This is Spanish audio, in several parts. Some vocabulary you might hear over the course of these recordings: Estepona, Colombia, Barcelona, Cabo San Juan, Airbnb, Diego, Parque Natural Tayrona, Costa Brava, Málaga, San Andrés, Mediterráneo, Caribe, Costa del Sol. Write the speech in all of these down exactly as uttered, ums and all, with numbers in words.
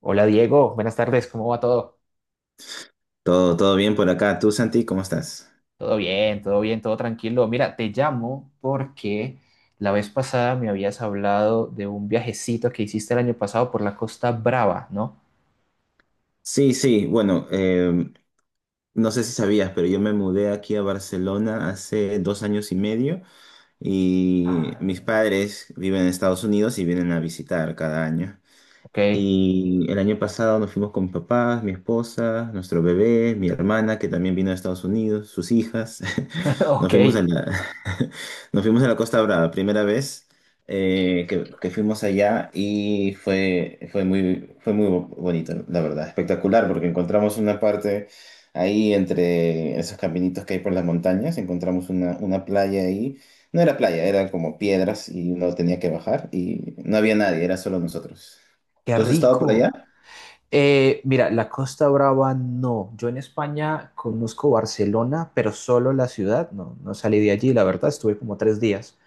Hola Diego, buenas tardes, ¿cómo va todo? Todo, todo bien por acá. ¿Tú, Santi, cómo estás? Todo bien, todo bien, todo tranquilo. Mira, te llamo porque la vez pasada me habías hablado de un viajecito que hiciste el año pasado por la Costa Brava, ¿no? Sí, sí, bueno, eh, no sé si sabías, pero yo me mudé aquí a Barcelona hace dos años y medio y Ah, mis padres viven en Estados Unidos y vienen a visitar cada año. ok, Y el año pasado nos fuimos con mis papás, mi esposa, nuestro bebé, mi hermana que también vino de Estados Unidos, sus hijas. Nos ok, fuimos a la, Nos fuimos a la Costa Brava, primera vez eh, que, que fuimos allá y fue, fue muy, fue muy bo- bonito, la verdad. Espectacular, porque encontramos una parte ahí entre esos caminitos que hay por las montañas. Encontramos una, una playa ahí. No era playa, era como piedras, y uno tenía que bajar y no había nadie, era solo nosotros. qué ¿Tú has estado por rico. allá? Eh, mira, la Costa Brava no. Yo en España conozco Barcelona, pero solo la ciudad, no, no salí de allí, la verdad, estuve como tres días.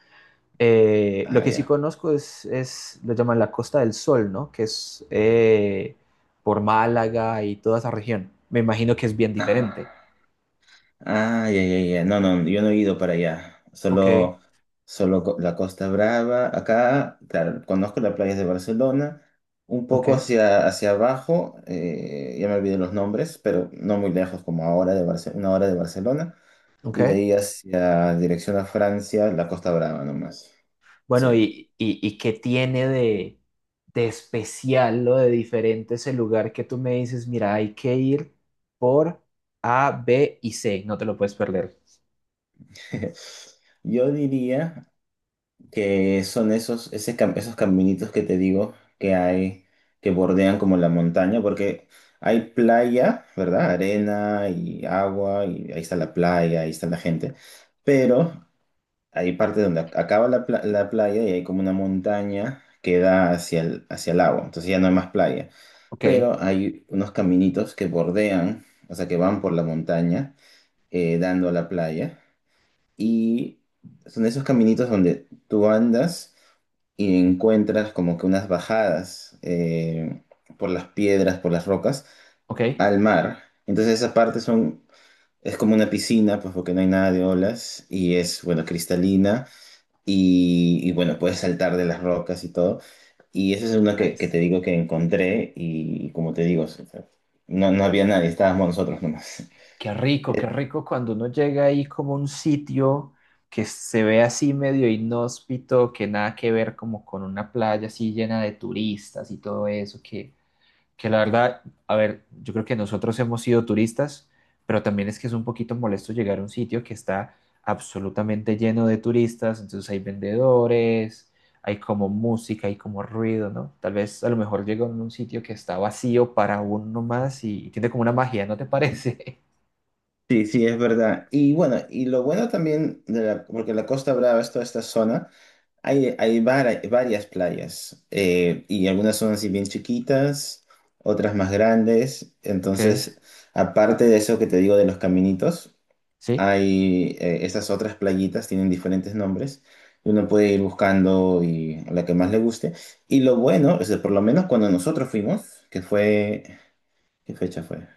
Eh, lo Ah, que sí ya. conozco es, es, lo llaman la Costa del Sol, ¿no? Que es eh, por Málaga y toda esa región. Me imagino que es bien diferente. Ah, ah, ya, ya, ya. No, no, yo no he ido para allá. Ok, Solo, solo co- la Costa Brava. Acá, claro, conozco las playas de Barcelona. Un ok, poco hacia, hacia abajo. Eh, ya me olvidé los nombres, pero no muy lejos, como a hora de Barce- una hora de Barcelona. Y de ok. ahí hacia dirección a Francia, la Costa Brava nomás. Bueno, Sí. ¿y, y, y qué tiene de, de especial o de diferente ese lugar que tú me dices, mira, hay que ir por A, B y C, no te lo puedes perder? Yo diría que son esos, ese cam- esos caminitos que te digo que hay, que bordean como la montaña. Porque hay playa, ¿verdad? Arena y agua, y ahí está la playa, ahí está la gente, pero hay parte donde ac- acaba la, pla- la playa y hay como una montaña que da hacia el, hacia el agua. Entonces ya no hay más playa, Ok, pero hay unos caminitos que bordean, o sea, que van por la montaña, eh, dando a la playa. Y son esos caminitos donde tú andas y encuentras como que unas bajadas, eh, por las piedras, por las rocas, ok, al mar. Entonces esa parte son, es como una piscina, pues, porque no hay nada de olas, y es, bueno, cristalina, y, y, bueno, puedes saltar de las rocas y todo. Y esa es una que, que nice. te digo que encontré, y, como te digo, o sea, no, no había nadie, estábamos nosotros nomás. Qué rico, qué rico cuando uno llega ahí como a un sitio que se ve así medio inhóspito, que nada que ver como con una playa así llena de turistas y todo eso, que, que la verdad, a ver, yo creo que nosotros hemos sido turistas, pero también es que es un poquito molesto llegar a un sitio que está absolutamente lleno de turistas, entonces hay vendedores, hay como música, hay como ruido, ¿no? Tal vez a lo mejor llega a un sitio que está vacío para uno más y, y tiene como una magia, ¿no te parece? Sí, sí, es verdad. Y bueno, y lo bueno también, de la, porque la Costa Brava es toda esta zona, hay, hay vari- varias playas, eh, y algunas son así bien chiquitas, otras más grandes. Ok, Entonces, aparte de eso que te digo de los caminitos, sí, hay, eh, estas otras playitas, tienen diferentes nombres. Y uno puede ir buscando y la que más le guste. Y lo bueno es que por lo menos cuando nosotros fuimos, que fue, ¿qué fecha fue?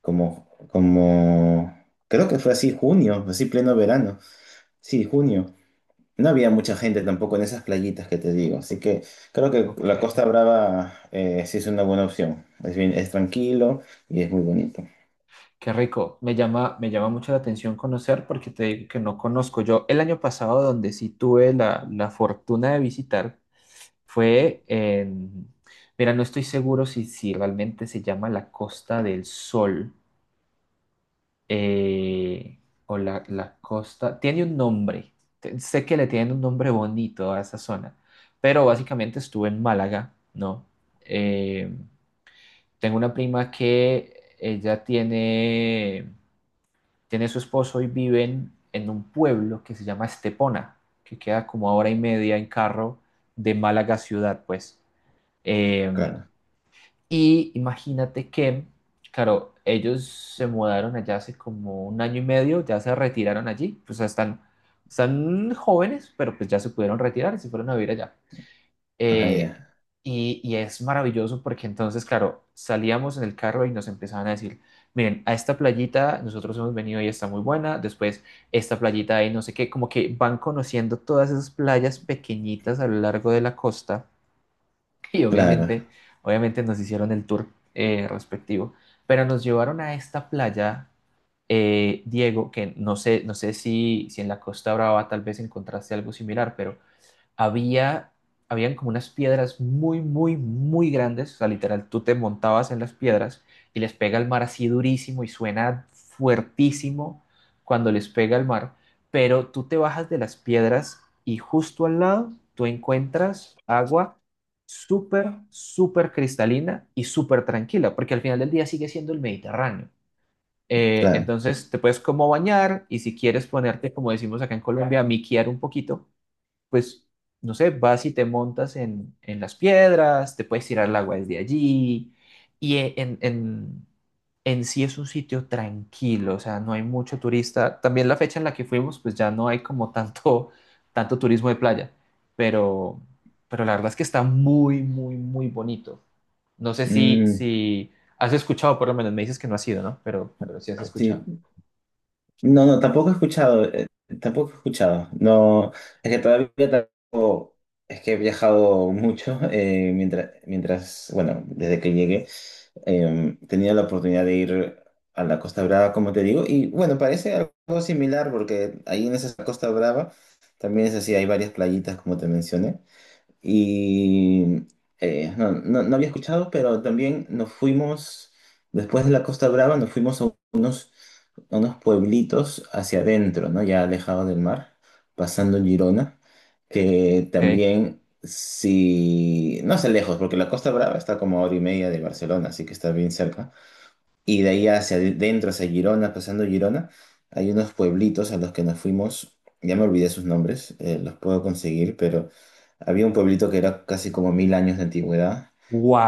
como, como, Creo que fue así junio, así pleno verano. Sí, junio. No había mucha gente tampoco en esas playitas que te digo, así que creo que ok, la Costa Brava, eh, sí es una buena opción. Es bien, es tranquilo y es muy bonito. qué rico. Me llama, me llama mucho la atención conocer porque te digo que no conozco. Yo el año pasado donde sí tuve la, la fortuna de visitar fue en, mira, no estoy seguro si, si, realmente se llama la Costa del Sol eh, o la, la Costa, tiene un nombre, Te- sé que le tienen un nombre bonito a esa zona, pero básicamente estuve en Málaga, ¿no? Eh, Tengo una prima que ella tiene, tiene, su esposo y viven en un pueblo que se llama Estepona, que queda como a hora y media en carro de Málaga ciudad, pues. Eh, Claro. y, imagínate que, claro, ellos se mudaron allá hace como un año y medio, ya se retiraron allí, pues están, están jóvenes, pero pues ya se pudieron retirar y se fueron a vivir allá. Ajá, Eh, ya. y, y es maravilloso porque entonces, claro, salíamos en el carro y nos empezaban a decir, miren, a esta playita nosotros hemos venido y está muy buena, después esta playita ahí no sé qué, como que van conociendo todas esas playas pequeñitas a lo largo de la costa y Claro, obviamente, obviamente nos hicieron el tour eh, respectivo, pero nos llevaron a esta playa, eh, Diego, que no sé, no sé si, si en la Costa Brava tal vez encontraste algo similar, pero había, habían como unas piedras muy, muy, muy grandes, o sea, literal, tú te montabas en las piedras y les pega el mar así durísimo y suena fuertísimo cuando les pega el mar, pero tú te bajas de las piedras y justo al lado tú encuentras agua súper, súper cristalina y súper tranquila, porque al final del día sigue siendo el Mediterráneo. Eh, claro. Entonces te puedes como bañar y si quieres ponerte, como decimos acá en Colombia, a miquear un poquito, pues, no sé, vas y te montas en, en las piedras, te puedes tirar al agua desde allí, y e- en, en, en sí es un sitio tranquilo, o sea, no hay mucho turista. También la fecha en la que fuimos, pues ya no hay como tanto, tanto turismo de playa, pero, pero la verdad es que está muy, muy, muy bonito. No sé si, Mm. si has escuchado, por lo menos me dices que no has ido, ¿no? Pero, pero sí has escuchado. Sí. No, no, tampoco he escuchado, eh, tampoco he escuchado. No, es que todavía tampoco, es que he viajado mucho, eh, mientras, mientras, bueno, desde que llegué, eh, tenía la oportunidad de ir a la Costa Brava, como te digo, y bueno, parece algo similar, porque ahí en esa Costa Brava también es así, hay varias playitas, como te mencioné. Y, eh, no, no, no había escuchado, pero también nos fuimos, después de la Costa Brava, nos fuimos a unos, a unos pueblitos hacia adentro, ¿no? Ya alejados del mar, pasando Girona, que Ok. también, si, no sé, lejos, porque la Costa Brava está como a hora y media de Barcelona, así que está bien cerca. Y de ahí hacia adentro, hacia Girona, pasando Girona, hay unos pueblitos a los que nos fuimos. Ya me olvidé sus nombres, eh, los puedo conseguir, pero había un pueblito que era casi como mil años de antigüedad,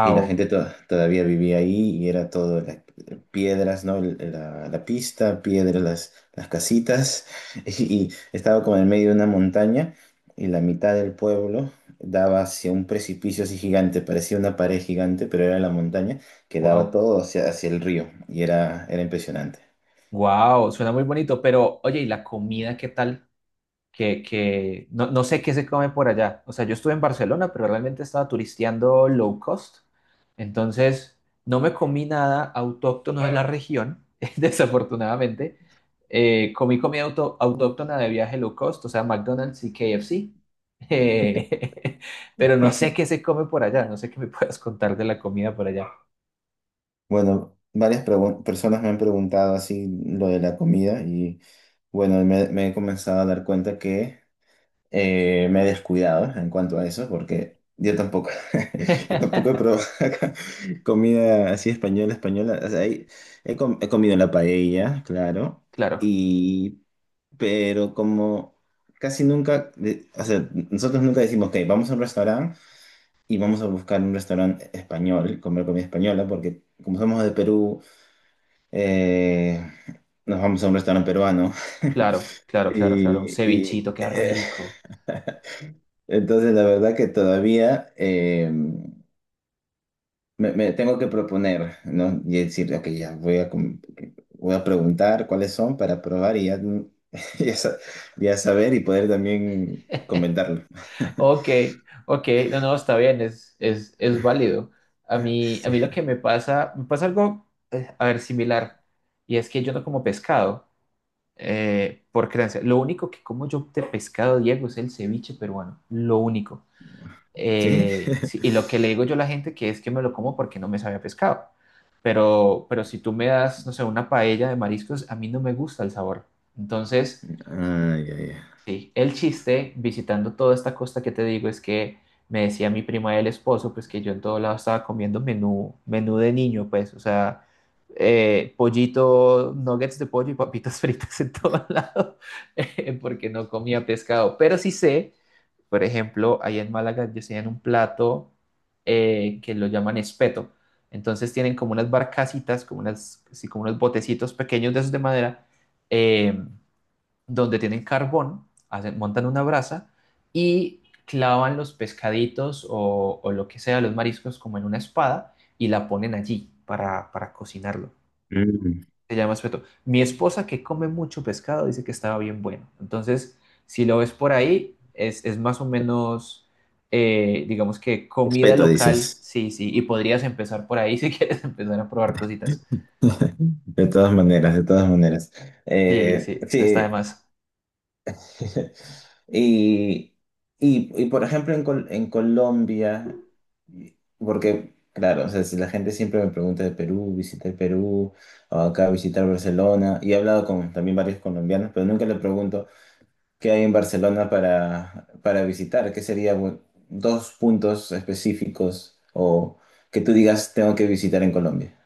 y la gente to- todavía vivía ahí, y era todo la- piedras, ¿no? La, la pista, piedras, las, las casitas. Y estaba como en medio de una montaña, y la mitad del pueblo daba hacia un precipicio así gigante, parecía una pared gigante, pero era la montaña, que daba wow, todo hacia, hacia el río, y era, era impresionante. wow, suena muy bonito, pero oye, ¿y la comida qué tal? que, que no, no sé qué se come por allá. O sea, yo estuve en Barcelona, pero realmente estaba turisteando low cost. Entonces, no me comí nada autóctono de la región, desafortunadamente. Eh, comí comida auto- autóctona de viaje low cost, o sea, McDonald's y K F C. Eh, pero no sé qué se come por allá, no sé qué me puedas contar de la comida por allá. Bueno, varias pregun- personas me han preguntado así lo de la comida, y bueno, me, me he comenzado a dar cuenta que, Eh, me he descuidado en cuanto a eso, porque yo tampoco, yo tampoco he probado acá comida así española, española. O sea, he, he com- he comido la paella, claro, Claro, y, pero como casi nunca, de- o sea, nosotros nunca decimos, ok, vamos a un restaurante y vamos a buscar un restaurante español, comer comida española, porque como somos de Perú, eh, nos vamos a un restaurante peruano. claro, claro, claro, claro, un Y, y, cevichito, qué rico. Entonces, la verdad que todavía, eh, me, me tengo que proponer, ¿no? Y decir, ok, ya voy a, com- voy a preguntar cuáles son para probar y ya, ya, sa- ya saber, y poder también comentarlo. Ok, ok, no, no, está bien, es, es, es válido. A mí, a Sí. mí lo que me pasa, me pasa algo, eh, a ver, similar, y es que yo no como pescado, eh, por creencia. Lo único que como yo de pescado, Diego, es el ceviche peruano, lo único. ¿Sí? Eh, sí, y lo que le digo yo a la gente que es que me lo como porque no me sabe a pescado. Pero, pero si tú me das, no sé, una paella de mariscos, a mí no me gusta el sabor. Entonces... Ay, ay, Sí, el chiste visitando toda esta costa que te digo es que me decía mi prima del esposo, pues que yo en todo lado estaba comiendo menú, menú, de niño, pues, o sea, eh, pollito, nuggets de pollo y papitas fritas en todo lado, eh, porque no comía pescado. Pero sí sé, por ejemplo, ahí en Málaga yo sé en un plato eh, que lo llaman espeto. Entonces tienen como unas barcasitas, como unas, sí, como unos botecitos pequeños de esos de madera. eh, donde tienen carbón, hacen- montan una brasa y clavan los pescaditos o, o lo que sea, los mariscos, como en una espada y la ponen allí para, para cocinarlo. ay. Mm. Se llama espeto. Mi eh, esposa, que come mucho pescado, dice que estaba bien bueno. Entonces, si lo ves por ahí, es, es más o menos, eh, digamos que comida Respeto, local, dices. sí, sí, y podrías empezar por ahí si quieres empezar a probar cositas. De todas maneras, de todas maneras. Sí, Eh, sí, no está de Sí. más. Y, y, y, por ejemplo, en, Col- en Colombia, y- porque, claro, o sea, si la gente siempre me pregunta de Perú, visitar Perú, o acá visitar Barcelona, y he hablado con también varios colombianos, pero nunca le pregunto qué hay en Barcelona para, para visitar, qué serían bu- dos puntos específicos, o que tú digas, tengo que visitar en Colombia.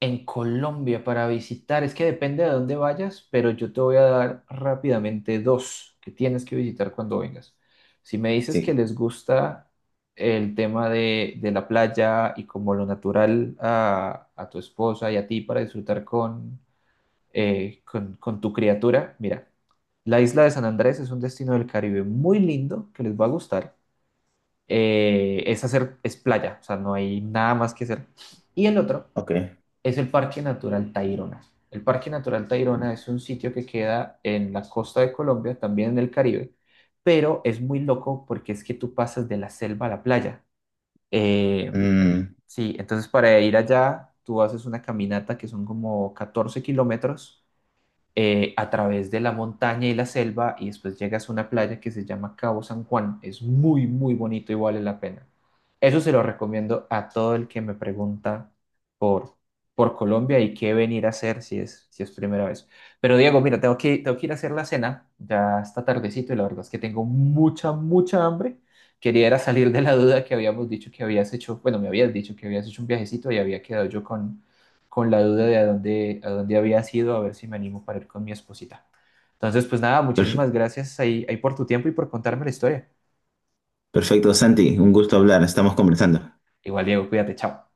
En Colombia para visitar, es que depende de dónde vayas, pero yo te voy a dar rápidamente dos que tienes que visitar cuando vengas. Si me dices que Sí, les gusta el tema de, de, la playa y como lo natural a, a tu esposa y a ti para disfrutar con, eh, con, con tu criatura, mira, la isla de San Andrés es un destino del Caribe muy lindo que les va a gustar. Eh, es hacer, es playa, o sea, no hay nada más que hacer. Y el otro ok. es el Parque Natural Tayrona. El Parque Natural Tayrona es un sitio que queda en la costa de Colombia, también en el Caribe, pero es muy loco porque es que tú pasas de la selva a la playa. Eh, Mm, sí, entonces para ir allá tú haces una caminata que son como catorce kilómetros eh, a través de la montaña y la selva y después llegas a una playa que se llama Cabo San Juan. Es muy, muy bonito y vale la pena. Eso se lo recomiendo a todo el que me pregunta por, por Colombia y qué venir a hacer si es, si es primera vez. Pero Diego, mira, tengo que, tengo que ir a hacer la cena, ya está tardecito y la verdad es que tengo mucha, mucha hambre. Quería era salir de la duda que habíamos dicho que habías hecho, bueno, me habías dicho que habías hecho un viajecito y había quedado yo con, con la duda de a dónde, a dónde había sido, a ver si me animo para ir con mi esposita. Entonces, pues nada, perf- muchísimas gracias ahí, ahí por tu tiempo y por contarme la historia. Perfecto, Santi, un gusto hablar, estamos conversando. Igual, Diego, cuídate, chao.